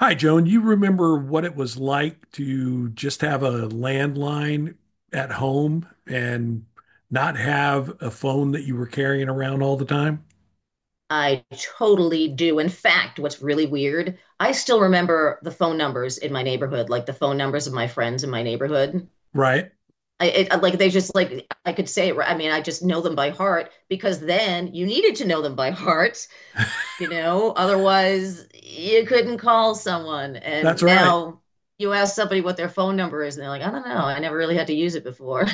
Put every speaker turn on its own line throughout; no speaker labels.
Hi, Joan. You remember what it was like to just have a landline at home and not have a phone that you were carrying around all the time?
I totally do. In fact, what's really weird, I still remember the phone numbers in my neighborhood, like the phone numbers of my friends in my neighborhood.
Right.
I it, like they just like I could say it. I mean, I just know them by heart because then you needed to know them by heart, Otherwise, you couldn't call someone.
That's
And
all right.
now you ask somebody what their phone number is, and they're like, I don't know. I never really had to use it before.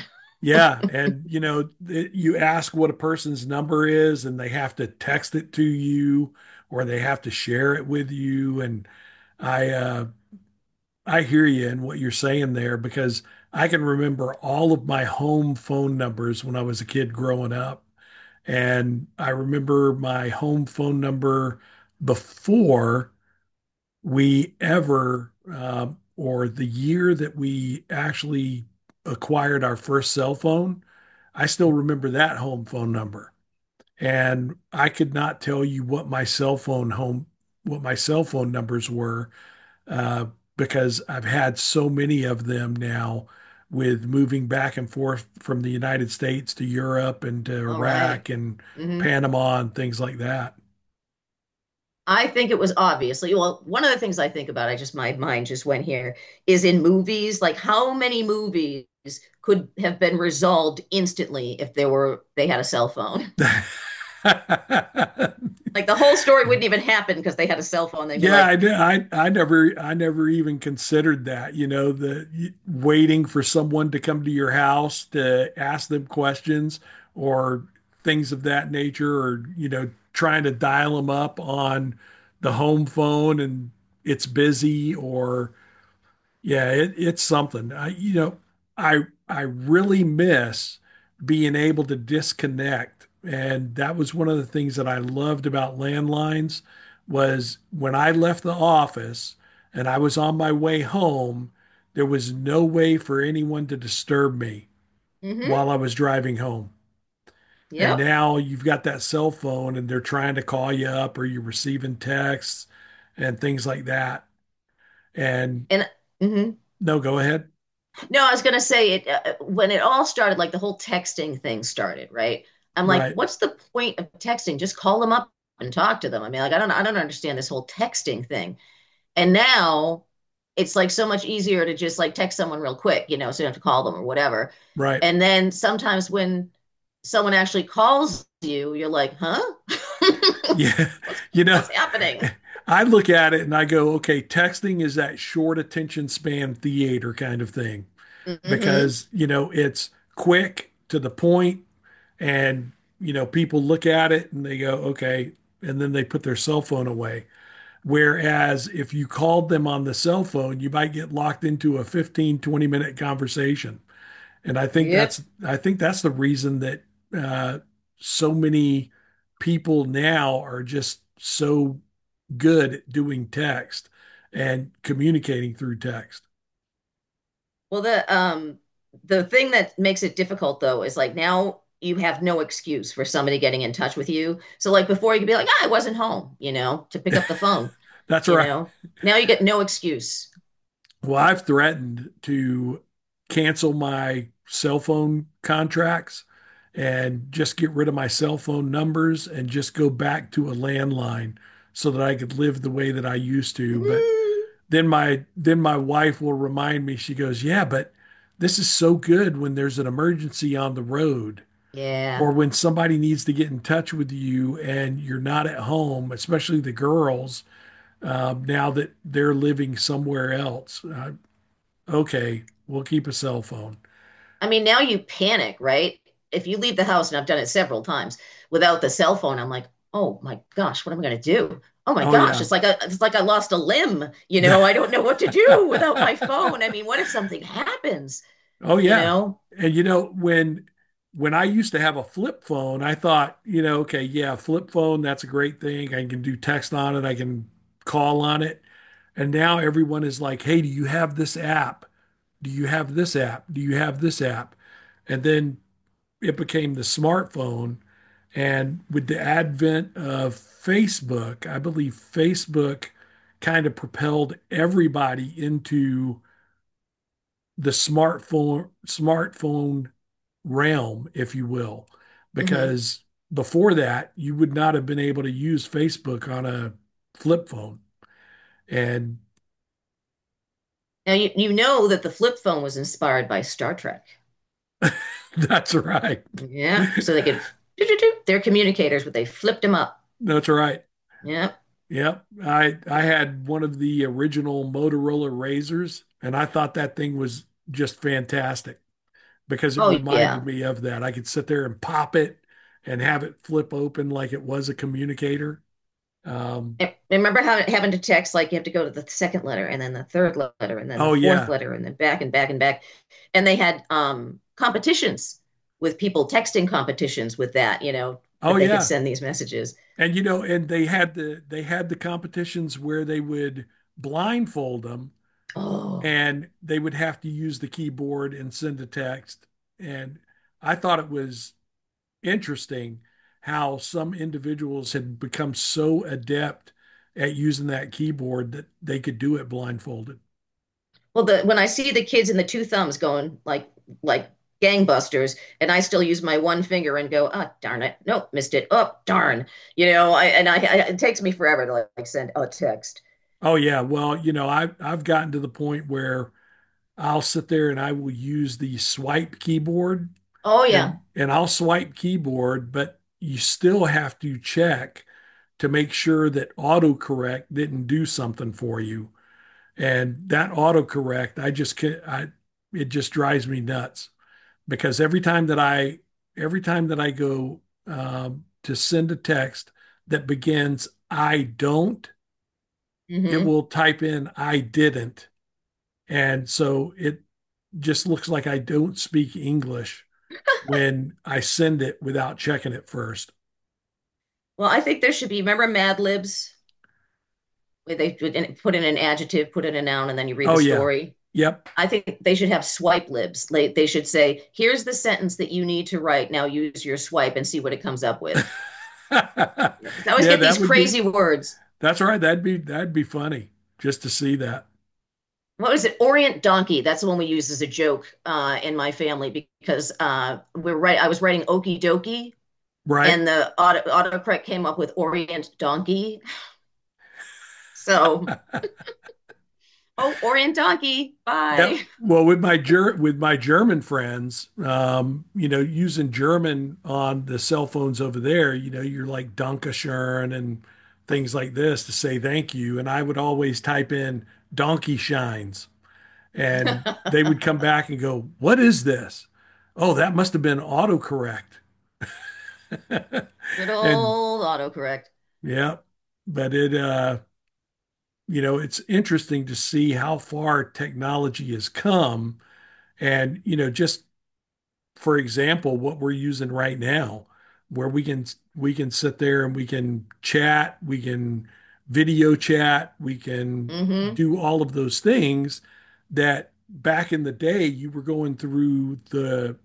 Yeah. And, you know, you ask what a person's number is and they have to text it to you or they have to share it with you. And I, uh, I hear you in what you're saying there because I can remember all of my home phone numbers when I was a kid growing up. And I remember my home phone number before we or the year that we actually acquired our first cell phone, I still remember that home phone number. And I could not tell you what my cell phone home, what my cell phone numbers were uh, because I've had so many of them now with moving back and forth from the United States to Europe and to
All right.
Iraq and
Mhm.
Panama and things like
I think it was obviously, well, one of the things I think about, I just, my mind just went here, is in movies, like how many movies could have been resolved instantly if they had a cell phone?
that.
Like the whole story wouldn't even happen because they had a cell phone. They'd be
Yeah, I
like,
did. I never even considered that, you know, waiting for someone to come to your house to ask them questions or things of that nature or, you know, trying to dial them up on the home phone and it's busy or yeah, it's something. I, you know, I I really miss being able to disconnect, and that was one of the things that I loved about landlines was when I left the office and I was on my way home, there was no way for anyone to disturb me
mm-hmm,
while I was driving home. And
yep.
now you've got that cell phone and they're trying to call you up or you're receiving texts and things like that. And
And hmm
no, go ahead.
no, I was gonna say it when it all started, like the whole texting thing started, right? I'm like,
Right,
what's the point of texting? Just call them up and talk to them. I mean, like, I don't understand this whole texting thing. And now it's like so much easier to just like text someone real quick, you know, so you don't have to call them or whatever.
right.
And then sometimes when someone actually calls you, you're like, huh?
Yeah,
what's
you know,
what's happening?
I look at it and I go, okay, texting is that short attention span theater kind of thing
Mm-hmm.
because, you know, it's quick to the point and, you know, people look at it and they go, okay, and then they put their cell phone away. Whereas if you called them on the cell phone, you might get locked into a 15-20 minute conversation. And
Yep.
I think that's the reason that uh, so many people now are just so good at doing text and communicating through text.
Well, the thing that makes it difficult though is like now you have no excuse for somebody getting in touch with you. So like before you could be like, ah, I wasn't home, you know, to pick up the phone,
That's
you
right.
know. Now you get no excuse.
Well, I've threatened to cancel my cell phone contracts and just get rid of my cell phone numbers and just go back to a landline so that I could live the way that I used to. But
Mm,
then my wife will remind me, she goes, yeah, but this is so good when there's an emergency on the road
yeah.
or when somebody needs to get in touch with you and you're not at home, especially the girls, now that they're living somewhere else. Okay, we'll keep a cell phone.
I mean, now you panic, right? If you leave the house, and I've done it several times without the cell phone, I'm like, oh my gosh, what am I going to do? Oh my
Oh
gosh,
yeah.
it's like I lost a limb. You know, I don't know what to do without my phone. I mean, what if something happens?
Oh
You
yeah.
know.
And you know, when I used to have a flip phone, I thought, you know, okay, yeah, flip phone, that's a great thing. I can do text on it, I can call on it. And now everyone is like, "Hey, do you have this app? Do you have this app? Do you have this app?" And then it became the smartphone, and with the advent of Facebook, I believe Facebook kind of propelled everybody into the smartphone realm, if you will,
Hmm.
because before that you would not have been able to use Facebook on a flip phone. And
Now you know that the flip phone was inspired by Star Trek.
that's right.
Yeah, so they could. Do do do. They're communicators, but they flipped them up.
That's right.
Yeah.
Yep. I had one of the original Motorola Razors and I thought that thing was just fantastic because it
Oh
reminded
yeah.
me of that. I could sit there and pop it and have it flip open like it was a communicator. Um,
And remember how having to text like you have to go to the second letter and then the third letter and then the
oh
fourth
yeah,
letter and then back and back and back. And they had competitions with people texting competitions with that, you know,
Oh
that they could
yeah.
send these messages.
And you know, and they had the competitions where they would blindfold them
Oh,
and they would have to use the keyboard and send a text. And I thought it was interesting how some individuals had become so adept at using that keyboard that they could do it blindfolded.
well, the when I see the kids in the two thumbs going like gangbusters, and I still use my one finger and go, oh darn it, nope, missed it. Oh darn, you know, I it takes me forever to like, send a text.
Oh yeah, well, you know, I've gotten to the point where I'll sit there and I will use the swipe keyboard
Oh yeah.
and I'll swipe keyboard, but you still have to check to make sure that autocorrect didn't do something for you. And that autocorrect, I just can I it just drives me nuts because every time that I go to send a text that begins I don't, it
Mm-hmm.
will type in I didn't. And so it just looks like I don't speak English when I send it without checking it first.
Well, I think there should be. Remember Mad Libs? Where they put in an adjective, put in a noun, and then you read the
Oh yeah.
story.
Yep.
I think they should have swipe libs. Like, they should say, here's the sentence that you need to write. Now use your swipe and see what it comes up with. Because I always
Yeah,
get these crazy words.
that's all right. That'd be funny just to see that.
What was it? Orient donkey. That's the one we use as a joke in my family because we're right. I was writing okey dokie,
Right?
and the autocorrect came up with Orient donkey. So, oh, Orient donkey. Bye.
Yep. Well, with my Ger with my German friends, you know, using German on the cell phones over there, you know, you're like Dankeschön and things like this to say thank you. And I would always type in donkey shines, and they would come back and go, "What is this?" Oh, that must have been autocorrect.
Good
and
old autocorrect.
yeah, but it you know, it's interesting to see how far technology has come and you know, just for example, what we're using right now where we can sit there and we can chat, we can video chat, we can
Mm-hmm.
do all of those things that back in the day you were going through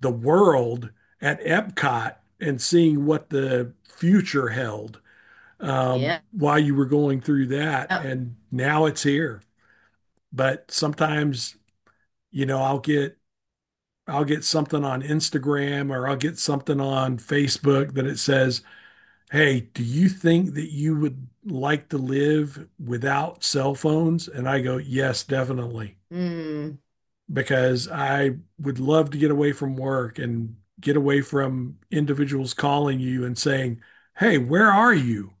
the world at Epcot and seeing what the future held
Yeah.
while you were going through that. And now it's here. But sometimes, you know, I'll get something on Instagram or I'll get something on Facebook that it says, "Hey, do you think that you would like to live without cell phones?" And I go, "Yes, definitely."
Mm.
Because I would love to get away from work and get away from individuals calling you and saying, "Hey, where are you?"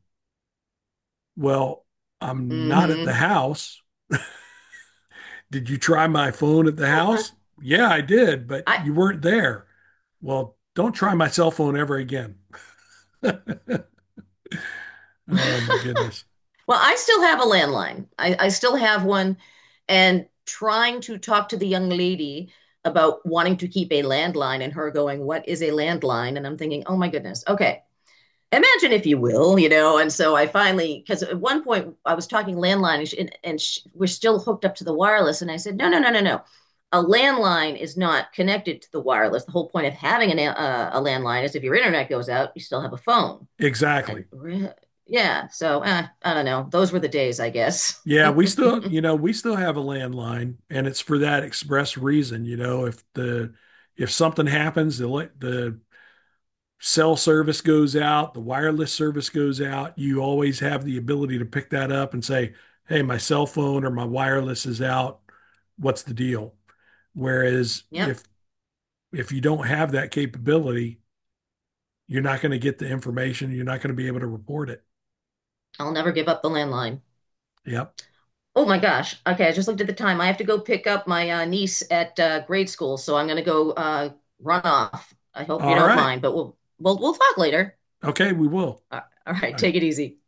Well, I'm not at the
Mm-hmm.
house. Did you try my phone at the house? Yeah, I did, but
I
you weren't there. Well, don't try my cell phone ever again. Oh my goodness.
well, I still have a landline. I still have one, and trying to talk to the young lady about wanting to keep a landline and her going, what is a landline? And I'm thinking, oh my goodness. Okay. Imagine if you will, you know. And so I finally, because at one point I was talking landline and she, we're still hooked up to the wireless. And I said, no, no, no, no, no. A landline is not connected to the wireless. The whole point of having a landline is if your internet goes out, you still have a phone.
Exactly.
And re- yeah, so eh, I don't know. Those were the days, I guess.
Yeah, we still, you know, we still have a landline and it's for that express reason, you know, if something happens, the cell service goes out, the wireless service goes out, you always have the ability to pick that up and say, hey, my cell phone or my wireless is out. What's the deal? Whereas
Yep.
if you don't have that capability, you're not going to get the information. You're not going to be able to report it.
I'll never give up the landline.
Yep.
Oh my gosh. Okay, I just looked at the time. I have to go pick up my niece at grade school, so I'm gonna go run off. I hope you
All
don't
right.
mind, but we'll talk later.
Okay, we will.
Uh, all right,
I
take it easy.